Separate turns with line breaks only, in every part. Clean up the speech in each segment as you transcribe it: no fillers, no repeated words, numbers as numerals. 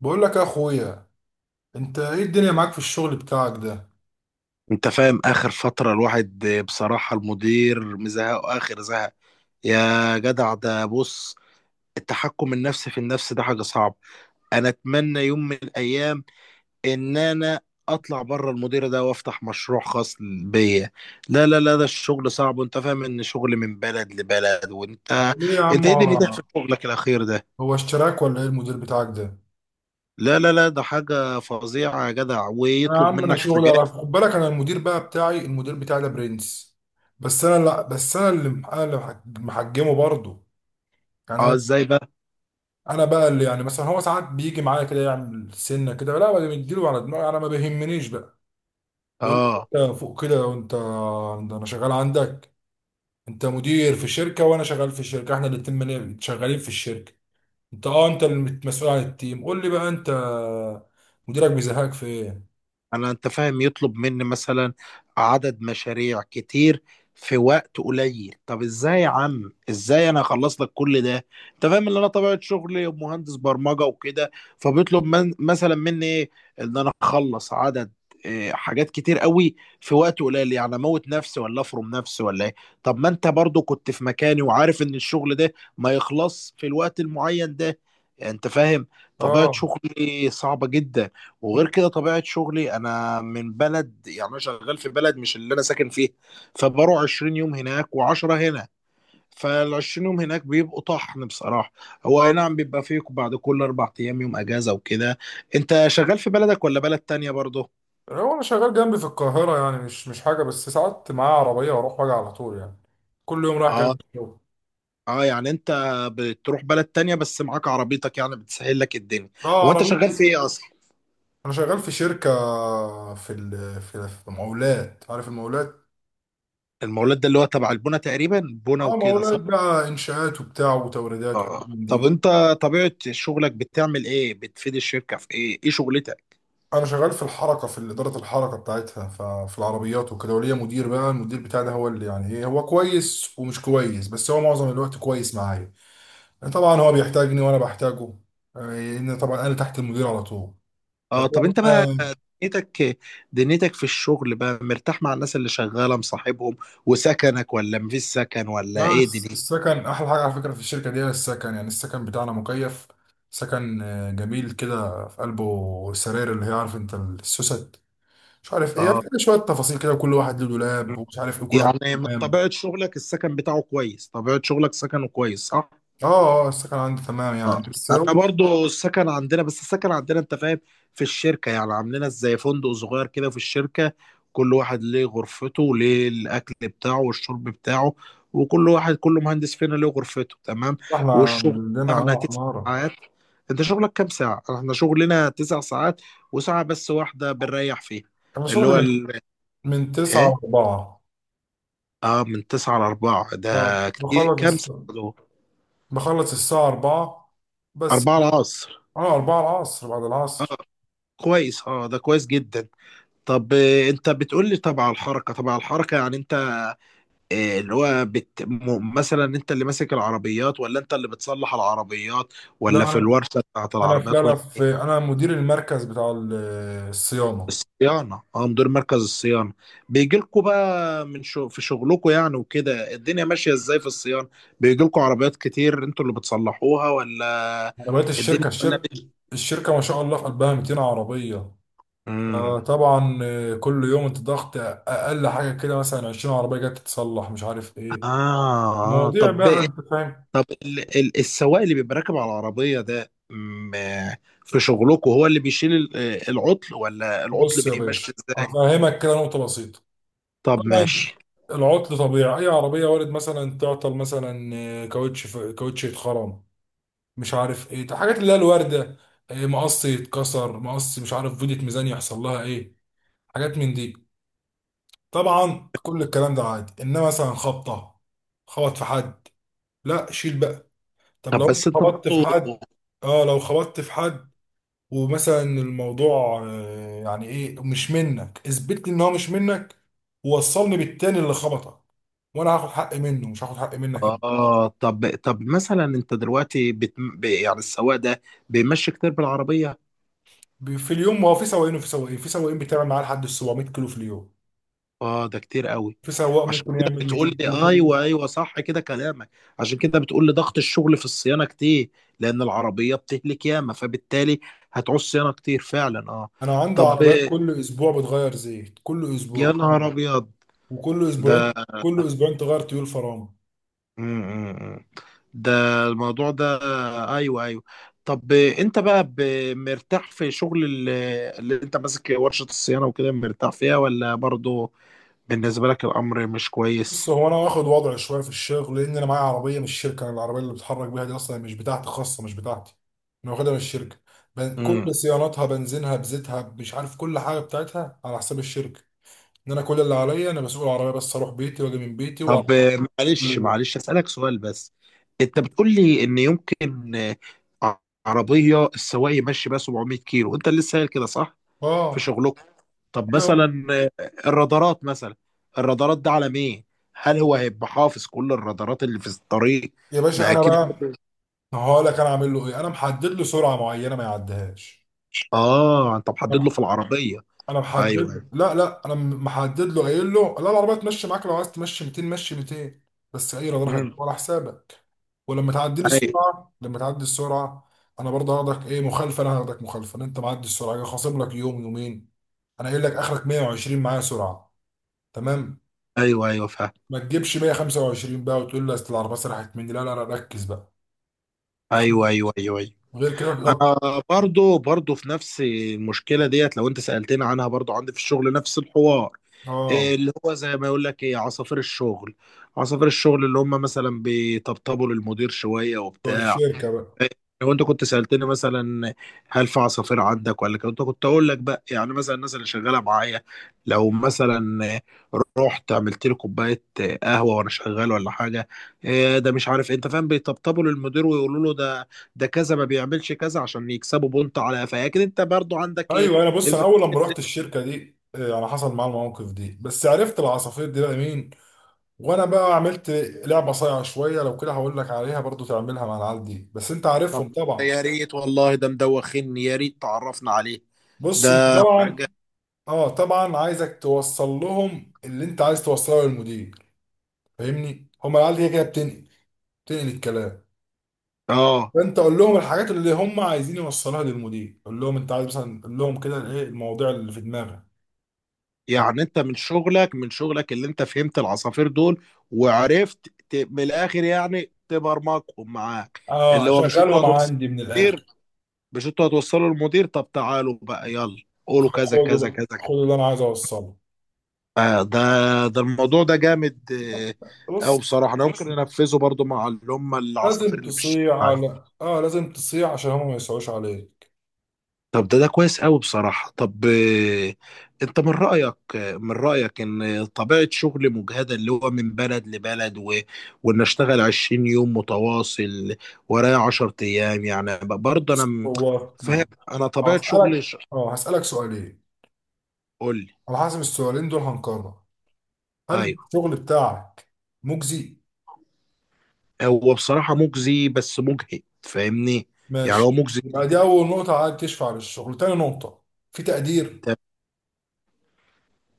بقول لك يا اخويا، انت ايه الدنيا معاك في الشغل بتاعك ده؟
انت فاهم اخر فترة الواحد بصراحة المدير مزهق اخر زهق. يا جدع ده بص، التحكم النفسي في النفس ده حاجة صعبة. انا اتمنى يوم من الايام ان انا اطلع بره المدير ده وافتح مشروع خاص بيا. لا لا لا، ده الشغل صعب وانت فاهم ان شغل من بلد لبلد وانت.
ليه يا
انت
عم،
ايه دنيتك
هو
في شغلك الاخير ده؟
هو اشتراك ولا ايه المدير بتاعك ده؟
لا لا لا، ده حاجة فظيعة يا جدع
انا يا
ويطلب
عم، انا
منك
شغلي على
حاجات.
خد بالك. انا المدير بقى بتاعي، المدير بتاعي ده برنس. بس انا لا بس انا اللي محجمه برضه. يعني
اه
انا
ازاي بقى؟
انا بقى اللي يعني مثلا هو ساعات بيجي معايا كده يعمل سنه كده، لا بديله على دماغي، انا ما بيهمنيش بقى. بقول
اه
له انت فوق كده وانت ده انا شغال عندك. انت مدير في شركه وانا شغال في شركه، احنا الاتنين شغالين في الشركه. انت، انت المسؤول عن التيم، قول لي بقى انت مديرك بيزهقك في ايه؟
انا انت فاهم يطلب مني مثلا عدد مشاريع كتير في وقت قليل. طب ازاي يا عم؟ ازاي انا اخلص لك كل ده؟ انت فاهم ان انا طبيعة شغلي مهندس برمجة وكده، فبيطلب مثلا مني ايه؟ ان انا اخلص عدد حاجات كتير قوي في وقت قليل، يعني اموت نفسي ولا افرم نفسي ولا ايه؟ طب ما انت برضو كنت في مكاني وعارف ان الشغل ده ما يخلص في الوقت المعين ده، انت فاهم. طبيعة
اه.
شغلي صعبة جدا. وغير كده طبيعة شغلي، أنا من بلد، يعني أنا شغال في بلد مش اللي أنا ساكن فيه. فبروح 20 يوم هناك و10 هنا، فال 20 يوم هناك بيبقوا طحن بصراحة. هو أي نعم بيبقى فيه بعد كل أربع أيام يوم أجازة وكده. أنت شغال في بلدك ولا بلد تانية برضه؟
هو انا شغال جنبي في القاهره يعني، مش حاجه، بس ساعات معايا عربيه واروح واجي على طول يعني. كل يوم رايح جاي
أه.
من الشغل.
أه يعني أنت بتروح بلد تانية بس معاك عربيتك، يعني بتسهل لك الدنيا.
اه
هو أنت شغال
عربيتي.
في إيه أصلا؟
انا شغال في شركه، في ال... في مقاولات، عارف المقاولات؟
المولد ده اللي هو تبع البنا تقريبا، بنا
اه
وكده
مقاولات
صح؟
بقى، انشاءات وبتاع وتوريدات وحاجات
اه
من
طب
دي.
انت طبيعة شغلك بتعمل ايه؟ بتفيد الشركة في ايه؟ ايه شغلتك؟
انا شغال في الحركه، في اداره الحركه بتاعتها، ففي العربيات وكده، وليا مدير بقى. المدير بتاعي ده هو اللي يعني ايه، هو كويس ومش كويس، بس هو معظم الوقت كويس معايا. يعني طبعا هو بيحتاجني وانا بحتاجه، لان طبعا انا تحت المدير على طول.
اه
فطبعا
طب انت بقى
أنا-
دنيتك دنيتك في الشغل بقى، مرتاح مع الناس اللي شغالة مصاحبهم وسكنك، ولا مفيش سكن، ولا
لا،
ايه دنيتك؟
السكن احلى حاجه على فكره في الشركه دي. هي السكن يعني، السكن بتاعنا مكيف. سكن، جميل كده، في قلبه سراير، اللي هي عارف انت السوست مش عارف ايه، يعني
اه
شويه تفاصيل كده، وكل واحد له دولاب ومش عارف ايه كل واحد.
يعني من
تمام.
طبيعة شغلك السكن بتاعه كويس، طبيعة شغلك سكنه كويس صح؟
اه اه، السكن عندي تمام يعني،
اه
بس هو
انا برضو السكن عندنا، بس السكن عندنا انت فاهم في الشركه يعني عاملينها زي فندق صغير كده في الشركه. كل واحد ليه غرفته وليه الاكل بتاعه والشرب بتاعه، وكل واحد كل مهندس فينا ليه غرفته تمام.
احنا
والشغل
عندنا
بتاعنا تسع
عمارة.
ساعات. انت شغلك كام ساعه؟ احنا شغلنا تسع ساعات وساعه بس واحده بنريح فيها،
انا
اللي
شغلي
هو
من من تسعة
ايه.
لأربعة.
اه من تسعة لأربعة ده
اه
كتير، كام ساعة دول؟
بخلص الساعة أربعة بس
أربعة
يعني.
العصر.
اه أربعة العصر، بعد
اه
العصر.
كويس، اه ده كويس جدا. طب انت بتقول لي طبعا الحركه، طبعا الحركه يعني انت، اللي هو مثلا، انت اللي ماسك العربيات ولا انت اللي بتصلح العربيات،
لا
ولا في
أنا
الورشه بتاعت
أنا في لا
العربيات
لا
ولا؟
في أنا مدير المركز بتاع
في
الصيانة.
الصيانه. اه مدير مركز الصيانه، بيجي لكم بقى في شغلكم يعني، وكده الدنيا ماشيه ازاي في الصيانه؟ بيجي لكم عربيات كتير انتوا اللي بتصلحوها ولا
عربيات
الدنيا
الشركة. الشركة الشركة ما شاء الله في قلبها 200 عربية.
مم.
طبعا، كل يوم انت ضغط. أقل حاجة كده مثلا 20 عربية جت تتصلح مش عارف ايه،
اه آه.
مواضيع
طب
بقى انت فاهم.
ال- ال- السواق اللي بيبقى راكب على العربية ده في شغلكم، هو اللي بيشيل العطل ولا العطل
بص يا
بيمشي؟
باشا،
ازاي؟
هفهمك كده نقطة بسيطة.
طب
طبعا
ماشي.
العطل طبيعي، أي عربية وارد مثلا تعطل. مثلا كاوتش يتخرم، مش عارف إيه، حاجات اللي هي الواردة. مقص يتكسر، مقص مش عارف، فيدية، ميزان يحصل لها إيه، حاجات من دي. طبعا كل الكلام ده عادي، إنما مثلا خبطة، خبط في حد، لا شيل بقى. طب
طب
لو أنت
بس انت برضه،
خبطت في حد. اه لو خبطت في حد ومثلا الموضوع، يعني ايه، مش منك، اثبت لي ان هو مش منك، ووصلني بالتاني اللي خبطك، وانا هاخد حق منه، مش هاخد حق منك انت.
اه طب مثلا انت دلوقتي يعني السواق ده بيمشي كتير بالعربية؟
في اليوم، ما هو في سواقين وفي سواقين. في سواقين بتعمل معاه لحد 700 كيلو في اليوم.
اه ده كتير قوي.
في سواق
عشان
ممكن
كده
يعمل
بتقول
200
لي،
كيلو في
ايوه
اليوم.
ايوه صح كده كلامك. عشان كده بتقول لي ضغط الشغل في الصيانة كتير، لان العربية بتهلك ياما، فبالتالي هتعوز صيانة كتير فعلا اه.
انا عندي
طب
عربيات كل اسبوع بتغير زيت، كل
يا
اسبوع.
نهار ابيض،
وكل
ده
اسبوعين كل اسبوعين تغير تيول فرامل.
م- م- م. ده الموضوع ده، ايوه ايوه. طب انت بقى مرتاح في شغل اللي انت ماسك ورشة الصيانة وكده، مرتاح فيها ولا برضو بالنسبة لك الامر مش
بص،
كويس؟
هو انا واخد وضع شويه في الشغل، لان انا معايا عربيه من الشركه. انا العربيه اللي بتحرك بيها دي اصلا مش بتاعتي، خاصه مش بتاعتي. انا واخدها من الشركه. كل
امم.
صيانتها، بنزينها، بزيتها، مش عارف، كل حاجه بتاعتها على حساب الشركه. ان انا كل اللي عليا انا مسؤول العربيه، بس اروح بيتي واجي من بيتي
طب
وعربيه كل
معلش
يوم.
معلش اسألك سؤال بس. انت بتقول لي ان يمكن عربية السواق يمشي بقى 700 كيلو، انت اللي لسه قايل كده صح في
اه.
شغلكم؟ طب
ايوه
مثلا الرادارات مثلا، الرادارات ده على ايه؟ هل هو هيبقى حافظ كل الرادارات اللي في الطريق؟
يا باشا،
ما
انا
اكيد
بقى
برضه.
هقول لك انا عامل له ايه. انا محدد له سرعه معينه ما يعديهاش.
اه انت محدد له في العربيه.
انا
ايوه ايوه.
محدد، لا انا محدد له، قايل له لا، العربيه تمشي معاك، لو عايز تمشي 200 مشي 200، بس اي راجل
مم.
ولا حسابك. ولما تعدي لي
ايوه
السرعه، لما تعدي السرعه، انا برضه هاخدك ايه، مخالفه. انا هاخدك مخالفه إن انت معدي السرعه، أنا خاصم لك يوم يومين. انا قايل لك اخرك 120 معايا سرعه، تمام.
ايوه ايوه فاهم.
ما تجيبش 125 بقى وتقول لي اصل العربيه سرحت مني، لا لا لا ركز بقى.
ايوه
غير
ايوه ايوه ايوه.
كده غير كده.
انا برضو برضو في نفس المشكله ديت، لو انت سالتني عنها برضو عندي في الشغل نفس الحوار. إيه
اه
اللي هو زي ما يقول لك، ايه عصافير الشغل؟ عصافير الشغل اللي هم مثلا بيطبطبوا للمدير شويه
بتوع
وبتاع.
الشركه بقى.
لو انت كنت سألتني مثلا، هل في عصافير عندك ولا، كنت اقول لك بقى يعني مثلا الناس اللي شغاله معايا. لو مثلا رحت عملت لي كوبايه قهوه وانا شغال ولا حاجه، إيه ده، مش عارف، انت فاهم، بيطبطبوا للمدير ويقولوا له، ده ده كذا ما بيعملش كذا عشان يكسبوا بونت على قفاه، لكن انت برضو عندك ايه
ايوه، انا بص، انا
المشاكل
اول لما رحت
دي.
الشركه دي، انا حصل معايا المواقف دي، بس عرفت العصافير دي بقى مين. وانا بقى عملت لعبه صايعه شويه، لو كده هقول لك عليها برضو تعملها مع العيال دي، بس انت عارفهم
طب
طبعا.
يا ريت والله ده مدوخني، يا ريت تعرفنا عليه، ده
بص انت طبعا،
حاجه.
اه طبعا عايزك توصل لهم اللي انت عايز توصله للمدير، فاهمني؟ هما العيال دي كده بتنقل، بتنقل الكلام.
اه
فانت قول لهم الحاجات اللي هم عايزين يوصلوها للمدير، قول لهم انت عايز مثلا، قول لهم كده ايه المواضيع اللي في دماغك. طيب.
يعني انت من شغلك، من شغلك اللي انت فهمت العصافير دول وعرفت من الاخر يعني تبرمجهم معاك.
اه
اللي هو مش انتوا
اشغلهم
هتوصلوا
عندي من
للمدير،
الاخر.
مش انتوا هتوصلوا للمدير، طب تعالوا بقى يلا قولوا كذا
خده
كذا
بقى،
كذا كذا.
خد اللي انا عايز اوصله.
آه ده، ده الموضوع ده جامد. او
بص،
بصراحة انا ممكن انفذه برضو مع اللي هم العصافير
لازم
اللي في
تصيع
الشارع.
على لازم تصيع عشان هما ما يسعوش عليك.
طب ده ده كويس قوي بصراحة. طب انت من رأيك، من رأيك ان طبيعة شغل مجهدة، اللي هو من بلد لبلد وان اشتغل 20 يوم متواصل ورايا 10 ايام، يعني برضه انا
بص هو
فاهم، انا طبيعة شغلي
هسألك اه هسألك سؤالين،
قول لي.
على حسب السؤالين دول هنقرر. هل
ايوه
الشغل بتاعك مجزي؟
هو بصراحة مجزي، بس مجهد فاهمني. يعني هو
ماشي،
مجزي
يبقى دي
جدا.
أول نقطة عايز تشفع للشغل. تاني نقطة، في تقدير؟
طب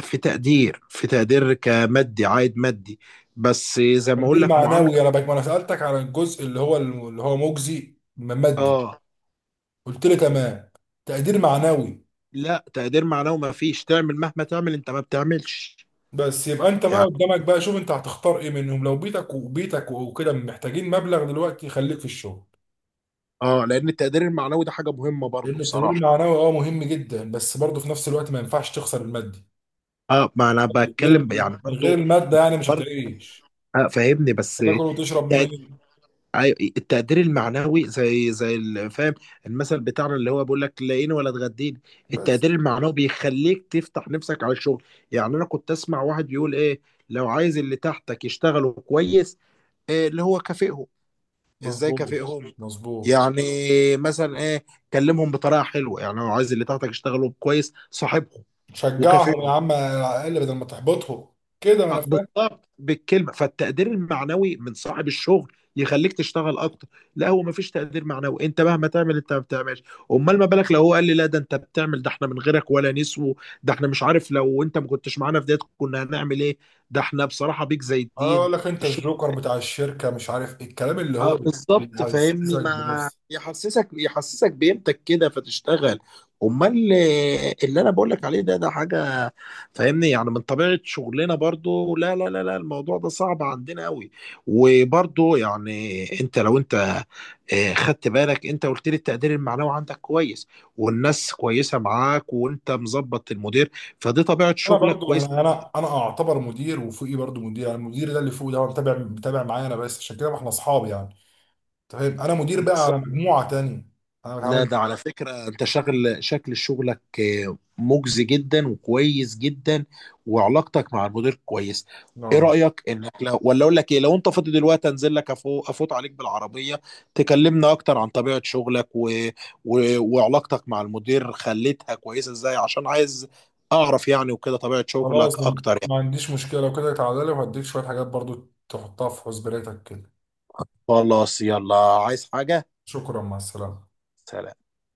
في تقدير؟ في تقدير عائد مادي؟ بس زي ما اقول
تقدير
لك
معنوي.
معاملة،
أنا بك ما أنا سألتك على الجزء اللي هو اللي هو مجزي مادي،
اه.
قلت لي تمام. تقدير معنوي.
لا تقدير معنوي ما فيش، تعمل مهما تعمل انت ما بتعملش
بس يبقى انت بقى
يعني.
قدامك بقى، شوف انت هتختار ايه منهم. لو بيتك وبيتك وكده محتاجين مبلغ دلوقتي، خليك في الشغل.
اه لان التقدير المعنوي ده حاجه مهمه برضو
لان التدريب
بصراحه،
المعنوي مهم جدا بس برضه، في نفس الوقت ما ينفعش تخسر المادي.
اه ما انا
من غير
بتكلم يعني
من غير
برضو،
المادة يعني مش
برضو
هتعيش،
فاهمني بس
هتاكل وتشرب
التق-
منين؟
أيوة، التقدير المعنوي زي فاهم المثل بتاعنا اللي هو بيقول لك، لاقيني ولا تغديني.
بس
التقدير المعنوي بيخليك تفتح نفسك على الشغل. يعني انا كنت اسمع واحد يقول ايه، لو عايز اللي تحتك يشتغلوا كويس، إيه اللي هو كافئهم. ازاي
مظبوط،
كافئهم؟
مظبوط
يعني مثلا ايه؟ كلمهم بطريقه حلوه، يعني لو عايز اللي تحتك يشتغلوا كويس صاحبهم
شجعهم يا
وكافئهم.
عم على الاقل بدل ما تحبطهم كده. ما انا فاهم.
بالظبط بالكلمه، فالتقدير المعنوي من صاحب الشغل يخليك تشتغل اكتر. لا هو مفيش تقدير معنوي، انت مهما تعمل انت ما بتعملش. امال ما بالك لو هو قال لي، لا ده انت بتعمل، ده احنا من غيرك ولا نسو، ده احنا مش عارف، لو انت ما كنتش معانا في ديت كنا هنعمل ايه، ده احنا بصراحه بيك زي
اه
الدين.
اقول لك، انت الجوكر بتاع الشركة، مش عارف ايه الكلام اللي هو
اه بالظبط فاهمني،
بيحسسك
ما
بنفسك.
يحسسك بقيمتك كده فتشتغل. امال اللي انا بقول لك عليه ده، ده حاجه فاهمني. يعني من طبيعه شغلنا برضو، لا لا لا لا الموضوع ده صعب عندنا قوي. وبرضو يعني لو انت خدت بالك، انت قلت لي التقدير المعنوي عندك كويس، والناس كويسه معاك، وانت مظبط المدير، فدي طبيعه
انا
شغلك
برضو،
كويسه.
انا اعتبر مدير وفوقي برضو مدير. يعني المدير ده اللي فوق ده هو متابع، متابع معايا. انا بس عشان كده، ما احنا اصحاب يعني. أنت فاهم، انا مدير بقى على مجموعه تانية، انا
لا
بتعامل.
ده على فكرة انت شكل شغلك مجزي جدا وكويس جدا، وعلاقتك مع المدير كويس. ايه
اه
رأيك انك لو، ولا اقول لك ايه، لو انت فاضي دلوقتي انزل لك، افوت عليك بالعربية، تكلمنا اكتر عن طبيعة شغلك وعلاقتك مع المدير خليتها كويسة ازاي، عشان عايز اعرف يعني وكده طبيعة
خلاص،
شغلك
ما
اكتر يعني.
ما عنديش مشكله. لو كده تعالى لي وهديك شويه حاجات برضو تحطها في حسبانيتك كده.
خلاص يلا، عايز حاجة.
شكرا، مع السلامه.
سلام.